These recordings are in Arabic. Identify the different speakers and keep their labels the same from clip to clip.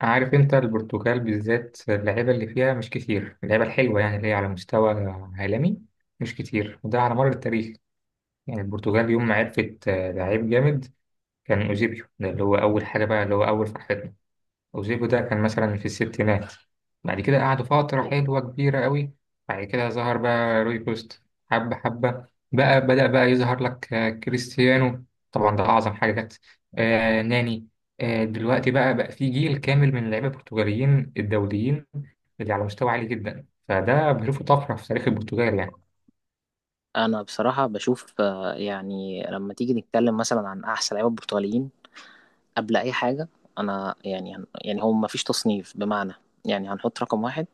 Speaker 1: عارف انت، البرتغال بالذات اللعيبه اللي فيها مش كتير، اللعيبه الحلوه يعني اللي هي على مستوى عالمي، مش كتير وده على مر التاريخ. يعني البرتغال يوم ما عرفت لعيب جامد، كان اوزيبيو، ده اللي هو اول حاجه بقى اللي هو اول فرحتنا. وزيكو ده كان مثلا في الستينات، بعد كده قعدوا فترة حلوة كبيرة قوي. بعد كده ظهر بقى روي كوست. حبة حبة. بقى بدأ بقى يظهر لك كريستيانو، طبعا ده أعظم حاجة جت. ناني. دلوقتي بقى في جيل كامل من اللعيبة البرتغاليين الدوليين اللي على مستوى عالي جدا، فده بشوفه طفرة في تاريخ البرتغال يعني.
Speaker 2: انا بصراحه بشوف يعني لما تيجي نتكلم مثلا عن احسن لعيبه البرتغاليين قبل اي حاجه. انا يعني يعني هو ما فيش تصنيف بمعنى يعني هنحط رقم واحد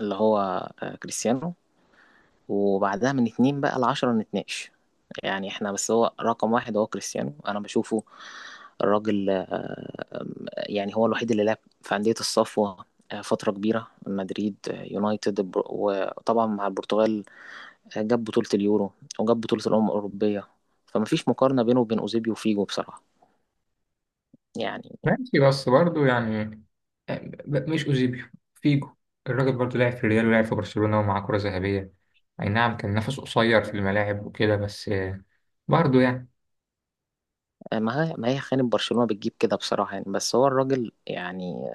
Speaker 2: اللي هو كريستيانو، وبعدها من اتنين بقى لعشرة نتناقش. يعني احنا بس هو رقم واحد هو كريستيانو انا بشوفه. الراجل يعني هو الوحيد اللي لعب في أندية الصفوة فترة كبيرة، مدريد، يونايتد، وطبعا مع البرتغال جاب بطولة اليورو وجاب بطولة الأمم الأوروبية. فمفيش مقارنة بينه وبين أوزيبيو وفيجو بصراحة يعني.
Speaker 1: ماشي بس برضه يعني، آه، مش أوزيبيو، فيجو. الراجل برضه لعب في الريال ولعب في برشلونة ومعاه كرة ذهبية. أي نعم كان نفسه قصير في الملاعب وكده، بس برضه يعني.
Speaker 2: ما هي ما هي خانة برشلونة بتجيب كده بصراحة يعني، بس هو الراجل يعني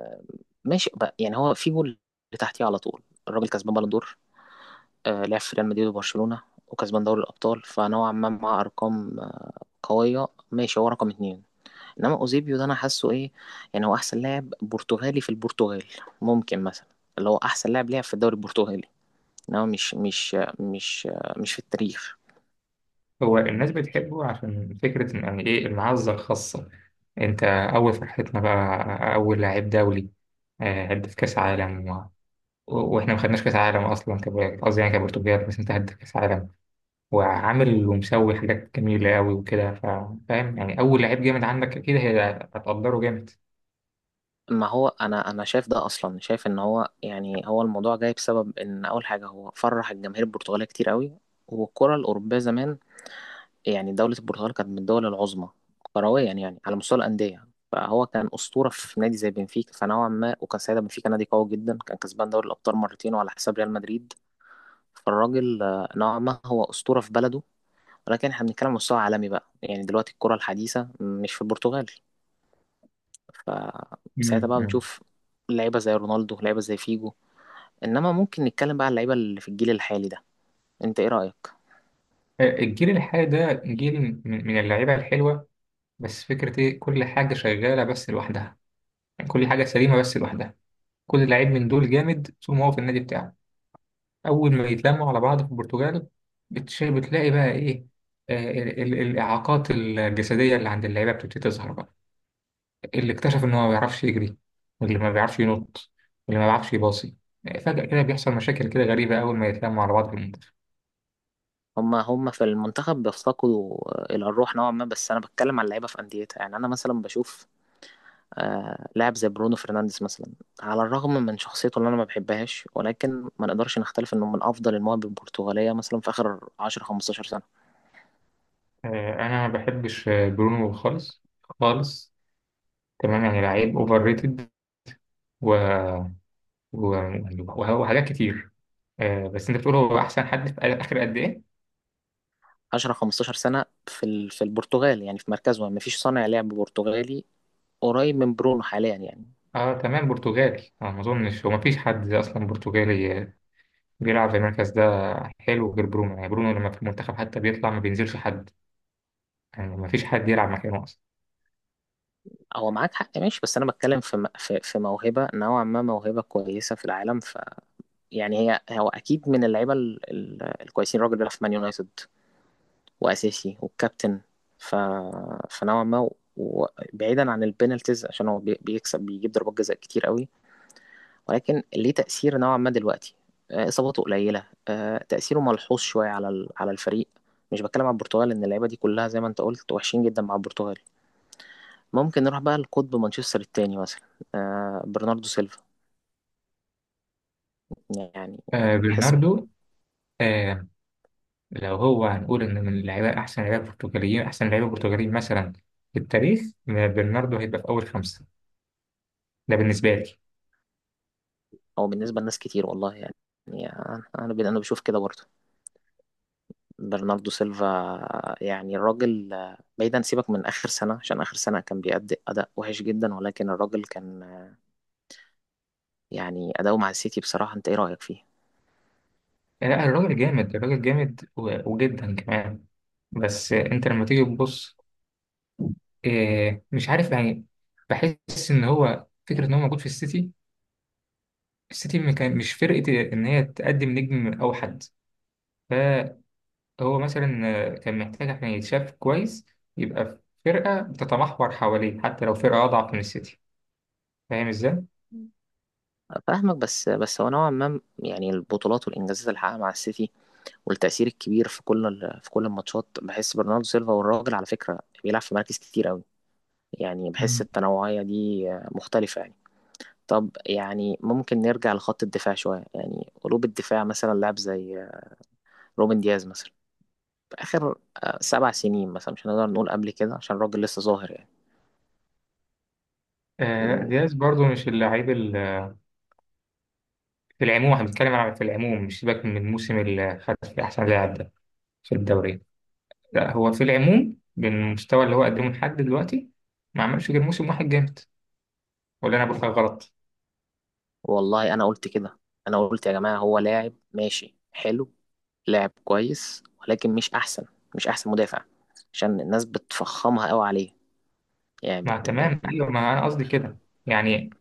Speaker 2: ماشي بقى. يعني هو فيجو اللي تحتيه على طول. الراجل كسبان بالون دور، لعب في ريال مدريد وبرشلونة وكسبان دوري الأبطال، فنوعا ما مع أرقام قوية، ماشي هو رقم اتنين. إنما أوزيبيو ده أنا حاسه إيه، يعني هو أحسن لاعب برتغالي في البرتغال، ممكن مثلا اللي هو أحسن لاعب لعب في الدوري البرتغالي، ان هو مش مش في التاريخ.
Speaker 1: هو الناس بتحبه عشان فكرة يعني إيه المعزة الخاصة، أنت أول فرحتنا بقى أول لاعب دولي، هدف كأس عالم و... و- وإحنا ما خدناش كأس عالم أصلا، قصدي يعني كبرتغال، بس أنت هدف كأس عالم وعامل ومسوي حاجات جميلة أوي وكده، فاهم يعني، أول لعيب جامد عندك أكيد هتقدره جامد.
Speaker 2: ما هو انا شايف ده اصلا. شايف ان هو يعني هو الموضوع جاي بسبب ان اول حاجه هو فرح الجماهير البرتغاليه كتير قوي، والكره الاوروبيه زمان يعني دوله البرتغال كانت من الدول العظمى كرويا، يعني على مستوى الانديه فهو كان اسطوره في نادي زي بنفيكا، فنوعا ما وكان ساعتها بنفيكا نادي قوي جدا، كان كسبان دوري الابطال مرتين وعلى حساب ريال مدريد. فالراجل نوعا ما هو اسطوره في بلده، ولكن احنا بنتكلم على مستوى عالمي بقى. يعني دلوقتي الكره الحديثه مش في البرتغال، فساعتها
Speaker 1: مم.
Speaker 2: بقى
Speaker 1: مم.
Speaker 2: بنشوف لعيبة زي رونالدو، لعيبة زي فيجو. إنما ممكن نتكلم بقى على اللعيبة اللي في الجيل الحالي ده، أنت إيه رأيك؟
Speaker 1: الجيل الحالي ده جيل من اللعيبة الحلوة، بس فكرة إيه، كل حاجة شغالة بس لوحدها، يعني كل حاجة سليمة بس لوحدها. كل لعيب من دول جامد طول ما هو في النادي بتاعه، أول ما يتلموا على بعض في البرتغال، بتلاقي بقى إيه، الإعاقات الجسدية اللي عند اللعيبة بتبتدي تظهر بقى. اللي اكتشف إن هو ما بيعرفش يجري، واللي ما بيعرفش ينط، واللي ما بيعرفش يباصي، فجأة كده بيحصل مشاكل كده غريبة أول ما يتلموا على بعض في المنتخب.
Speaker 2: هما في المنتخب بيفتقدوا إلى الروح نوعا ما، بس أنا بتكلم على اللعيبة في أنديتها. يعني أنا مثلا بشوف آه لاعب زي برونو فرنانديز مثلا، على الرغم من شخصيته اللي أنا ما بحبهاش، ولكن ما نقدرش نختلف إنه من أفضل المواهب البرتغالية مثلا في آخر 10 15 سنة.
Speaker 1: أنا ما بحبش برونو خالص، خالص. تمام يعني لعيب أوفر ريتد و... و... وحاجات كتير. بس أنت بتقول هو أحسن حد في آخر قد إيه؟
Speaker 2: 10 15 سنة في في البرتغال، يعني في مركزه ما فيش صانع لعب برتغالي قريب من برونو حاليا يعني.
Speaker 1: اه تمام، برتغالي انا ما اظنش، هو ما فيش حد اصلا برتغالي بيلعب في المركز ده حلو غير برونو. يعني برونو لما في المنتخب حتى بيطلع ما بينزلش حد، يعني ما فيش حد يلعب مكانه اصلا.
Speaker 2: هو معاك حق ماشي، بس انا بتكلم في في في موهبه، نوعا ما موهبه كويسه في العالم. ف يعني هو اكيد من اللعيبه الكويسين. الراجل ده في مان يونايتد واساسي والكابتن، ف فنوعا ما، وبعيدا عن البينالتيز عشان هو بيكسب بيجيب ضربات جزاء كتير قوي، ولكن ليه تاثير نوعا ما دلوقتي. اصاباته قليله، تاثيره ملحوظ شويه على على الفريق. مش بتكلم على البرتغال، ان اللعيبه دي كلها زي ما انت قلت وحشين جدا مع البرتغال. ممكن نروح بقى لقطب مانشستر التاني مثلا، آه برناردو سيلفا يعني بحس.
Speaker 1: برناردو. آه لو هو هنقول إن من اللعيبة أحسن لعيبة برتغاليين، أحسن لعيبة برتغاليين مثلا في التاريخ، برناردو هيبقى في أول خمسة، ده بالنسبة لي.
Speaker 2: او بالنسبه لناس كتير والله يعني. يعني انا بشوف كده برضه برناردو سيلفا. يعني الراجل بعيدا سيبك من اخر سنه عشان اخر سنه كان بيأدي اداء وحش جدا، ولكن الراجل كان يعني اداؤه مع السيتي بصراحه، انت ايه رايك فيه؟
Speaker 1: آه لا، الراجل جامد، الراجل جامد وجدا كمان، بس انت لما تيجي تبص، إيه مش عارف يعني، بحس ان هو فكره ان هو موجود في السيتي، السيتي ما كان- مش فرقه ان هي تقدم نجم اوحد، هو مثلا كان محتاج عشان يتشاف كويس، يبقى في فرقة بتتمحور حواليه حتى لو فرقة أضعف من السيتي. فاهم إزاي؟
Speaker 2: فاهمك، بس هو نوعا ما يعني البطولات والانجازات اللي حققها مع السيتي والتأثير الكبير في كل في كل الماتشات بحس برناردو سيلفا، والراجل على فكره بيلعب في مراكز كتير قوي. يعني بحس
Speaker 1: مم.
Speaker 2: التنوعية دي مختلفة يعني. طب يعني ممكن نرجع لخط الدفاع شوية، يعني قلوب الدفاع مثلا لاعب زي روبن دياز مثلا في آخر سبع سنين مثلا، مش هنقدر نقول قبل كده عشان الراجل لسه ظاهر يعني.
Speaker 1: آه لا،
Speaker 2: م،
Speaker 1: دياز برضو مش اللعيب في العموم. احنا بنتكلم على في العموم، مش سيبك من الموسم اللي خد فيه أحسن لاعب ده في الدوري، لا هو في العموم بالمستوى اللي هو قدمه لحد دلوقتي ما عملش غير موسم واحد جامد. ولا أنا بقول حاجة غلط؟
Speaker 2: والله أنا قلت كده، أنا قلت يا جماعة هو لاعب ماشي حلو، لاعب كويس، ولكن مش أحسن، مش أحسن مدافع. عشان الناس بتفخمها قوي عليه يعني
Speaker 1: ما تمام، أيوه، ما أنا قصدي كده، يعني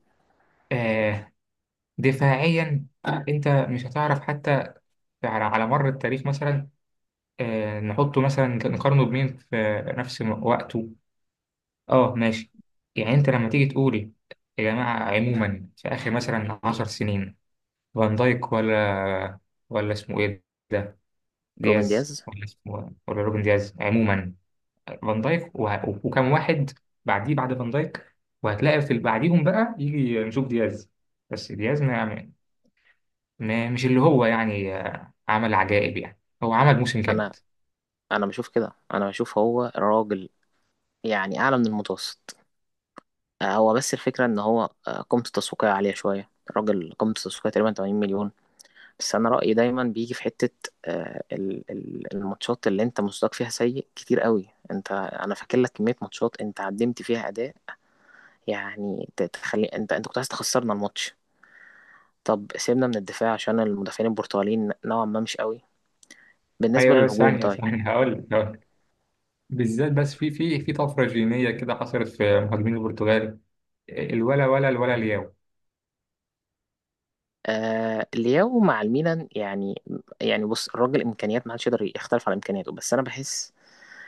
Speaker 1: آه دفاعيا، أنت مش هتعرف حتى على مر التاريخ، مثلا نحطه مثلا، نقارنه بمين في نفس وقته. اه ماشي. يعني انت لما تيجي تقولي، يا جماعة عموما في آخر مثلا 10 سنين، فان دايك ولا اسمه ايه، ده
Speaker 2: روبن
Speaker 1: دياز،
Speaker 2: دياز.
Speaker 1: ولا اسمه، ولا روبن دياز عموما، فان دايك وكم واحد بعديه بعد فان دايك، وهتلاقي في اللي بعديهم بقى يجي نشوف دياز. بس دياز مش اللي هو يعني عمل عجائب، يعني هو عمل موسم كامل.
Speaker 2: أنا أنا بشوف كده، أنا بشوف هو راجل يعني أعلى من المتوسط. هو بس الفكرة إن هو قيمته التسويقية عالية شوية، الراجل قيمته التسويقية تقريبا 80 مليون. بس أنا رأيي دايما بيجي في حتة الماتشات اللي أنت مستواك فيها سيء كتير قوي. أنت أنا فاكر لك كمية ماتشات أنت قدمت فيها أداء يعني تخلي أنت كنت عايز تخسرنا الماتش. طب سيبنا من الدفاع عشان المدافعين البرتغاليين نوعا ما مش قوي. بالنسبة
Speaker 1: ايوه، أيوة،
Speaker 2: للهجوم
Speaker 1: ثانية
Speaker 2: طيب،
Speaker 1: ثانية هقول لك، بالذات بس في طفره جينيه كده حصلت في مهاجمين البرتغال، الولا ولا الولا الياو.
Speaker 2: آه لياو مع الميلان يعني. يعني بص الراجل إمكانيات ما حدش يقدر يختلف على إمكانياته، بس أنا بحس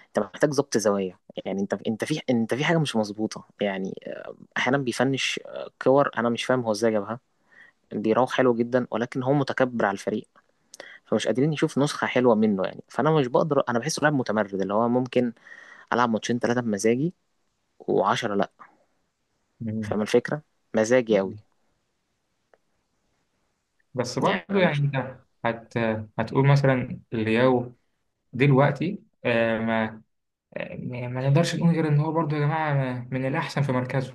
Speaker 2: انت محتاج ظبط زوايا. يعني انت في حاجه مش مظبوطه يعني. احيانا بيفنش كور انا مش فاهم هو ازاي جابها، بيراوغ حلو جدا ولكن هو متكبر على الفريق، فمش قادرين يشوف نسخه حلوه منه. يعني فانا مش بقدر، انا بحسه لاعب متمرد اللي هو ممكن العب ماتشين ثلاثه بمزاجي و10 لا.
Speaker 1: مم.
Speaker 2: فاهم الفكره؟ مزاجي قوي.
Speaker 1: بس
Speaker 2: يعني
Speaker 1: برضه
Speaker 2: انا
Speaker 1: يعني
Speaker 2: مش
Speaker 1: انت هت هتقول مثلا لياو دلوقتي، ما نقدرش نقول غير ان هو برضه يا جماعه من الاحسن في مركزه.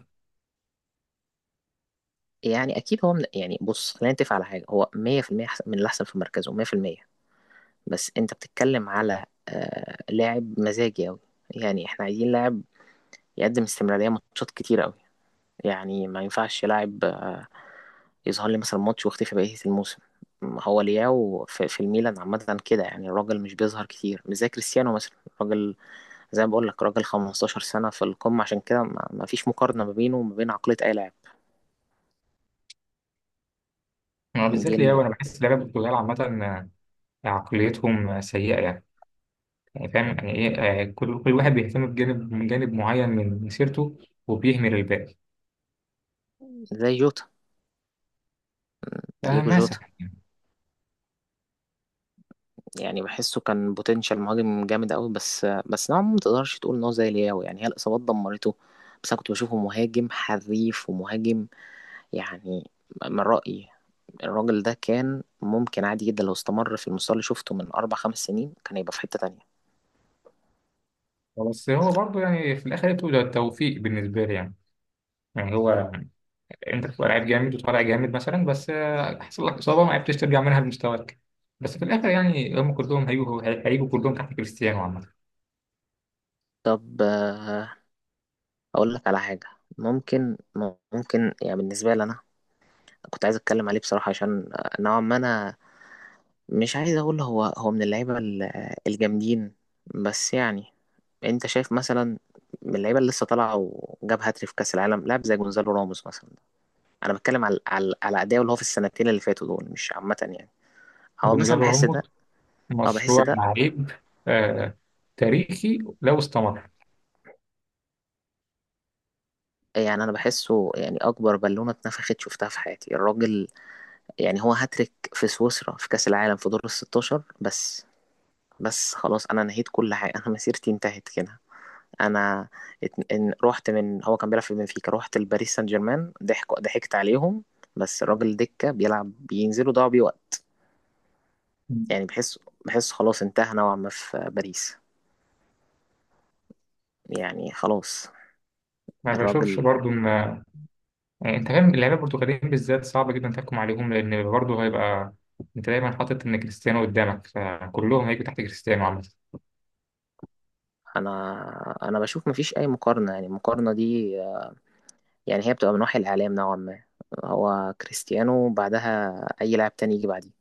Speaker 2: يعني اكيد هو من... يعني بص خلينا نتفق على حاجه، هو 100% أحسن- من الاحسن في مركزه 100%. بس انت بتتكلم على آه لاعب مزاجي قوي، يعني احنا عايزين لاعب يقدم استمرارية ماتشات كتير قوي. يعني ما ينفعش لاعب يظهر لي مثلا ماتش واختفي بقية الموسم. ما هو لياو في في الميلان عامة كده يعني، الراجل مش بيظهر كتير مش زي كريستيانو مثلا. راجل زي ما بقول لك، راجل 15 سنة في القمة عشان كده ما فيش مقارنة ما بينه وما بين عقلية أي لاعب
Speaker 1: هو بالذات
Speaker 2: جيل
Speaker 1: لياو، انا بحس لعيبه البرتغال عامه عقليتهم سيئه يعني، يعني فاهم يعني ايه، كل واحد بيهتم بجانب من جانب معين من مسيرته وبيهمل الباقي.
Speaker 2: زي جوتا، دييجو جوتا.
Speaker 1: مثلا يعني.
Speaker 2: يعني بحسه كان بوتنشال مهاجم جامد قوي، بس نوعا ما ما تقدرش تقول ان هو زي لياو. يعني هي الإصابات دمرته، بس أنا كنت بشوفه مهاجم حريف ومهاجم يعني. من رأيي الراجل ده كان ممكن عادي جدا لو استمر في المستوى اللي شفته من أربع خمس سنين كان هيبقى في حتة تانية.
Speaker 1: بس هو برضه يعني في الاخر بتبقى توفيق بالنسبه لي، يعني يعني هو انت بتبقى لعيب جامد وطالع جامد مثلا، بس حصل لك اصابه ما عرفتش ترجع منها لمستواك، بس في الاخر يعني هم كلهم هيجوا هيجوا كلهم تحت كريستيانو عامه.
Speaker 2: طب أقول لك على حاجة. ممكن ممكن يعني بالنسبة لي أنا كنت عايز أتكلم عليه بصراحة، عشان نوعا ما أنا مش عايز أقول هو هو من اللعيبة الجامدين، بس يعني أنت شايف مثلا من اللعيبة اللي لسه طالعة وجاب هاتري في كأس العالم لاعب زي جونزالو راموس مثلا. أنا بتكلم على على أداؤه اللي هو في السنتين اللي فاتوا دول مش عامة يعني. هو مثلا
Speaker 1: جونزالو
Speaker 2: بحس
Speaker 1: راموس
Speaker 2: ده، اه بحس
Speaker 1: مشروع
Speaker 2: ده
Speaker 1: لعيب آه تاريخي لو استمر.
Speaker 2: يعني. انا بحسه يعني اكبر بالونه اتنفخت شفتها في حياتي الراجل. يعني هو هاتريك في سويسرا في كاس العالم في دور ال 16 بس، بس خلاص انا نهيت كل حاجه، انا مسيرتي انتهت كده. انا رحت من هو كان بيلعب في بنفيكا رحت لباريس سان جيرمان، ضحك ضحكت عليهم. بس الراجل دكه بيلعب بينزلوا ضاعوا بيه وقت. يعني بحس، بحس خلاص انتهى نوعا ما في باريس يعني خلاص
Speaker 1: ما بشوفش
Speaker 2: الراجل.
Speaker 1: برضه ان، يعني انت فاهم اللعيبه البرتغاليين بالذات صعب جدا تحكم عليهم، لان برضه هيبقى انت دايما حاطط ان كريستيانو قدامك، فكلهم هيجوا تحت كريستيانو عامه.
Speaker 2: انا انا بشوف مفيش اي مقارنه، يعني المقارنه دي يعني هي بتبقى من وحي الإعلام نوعا ما. هو كريستيانو، بعدها أي لاعب تاني يجي بعديه.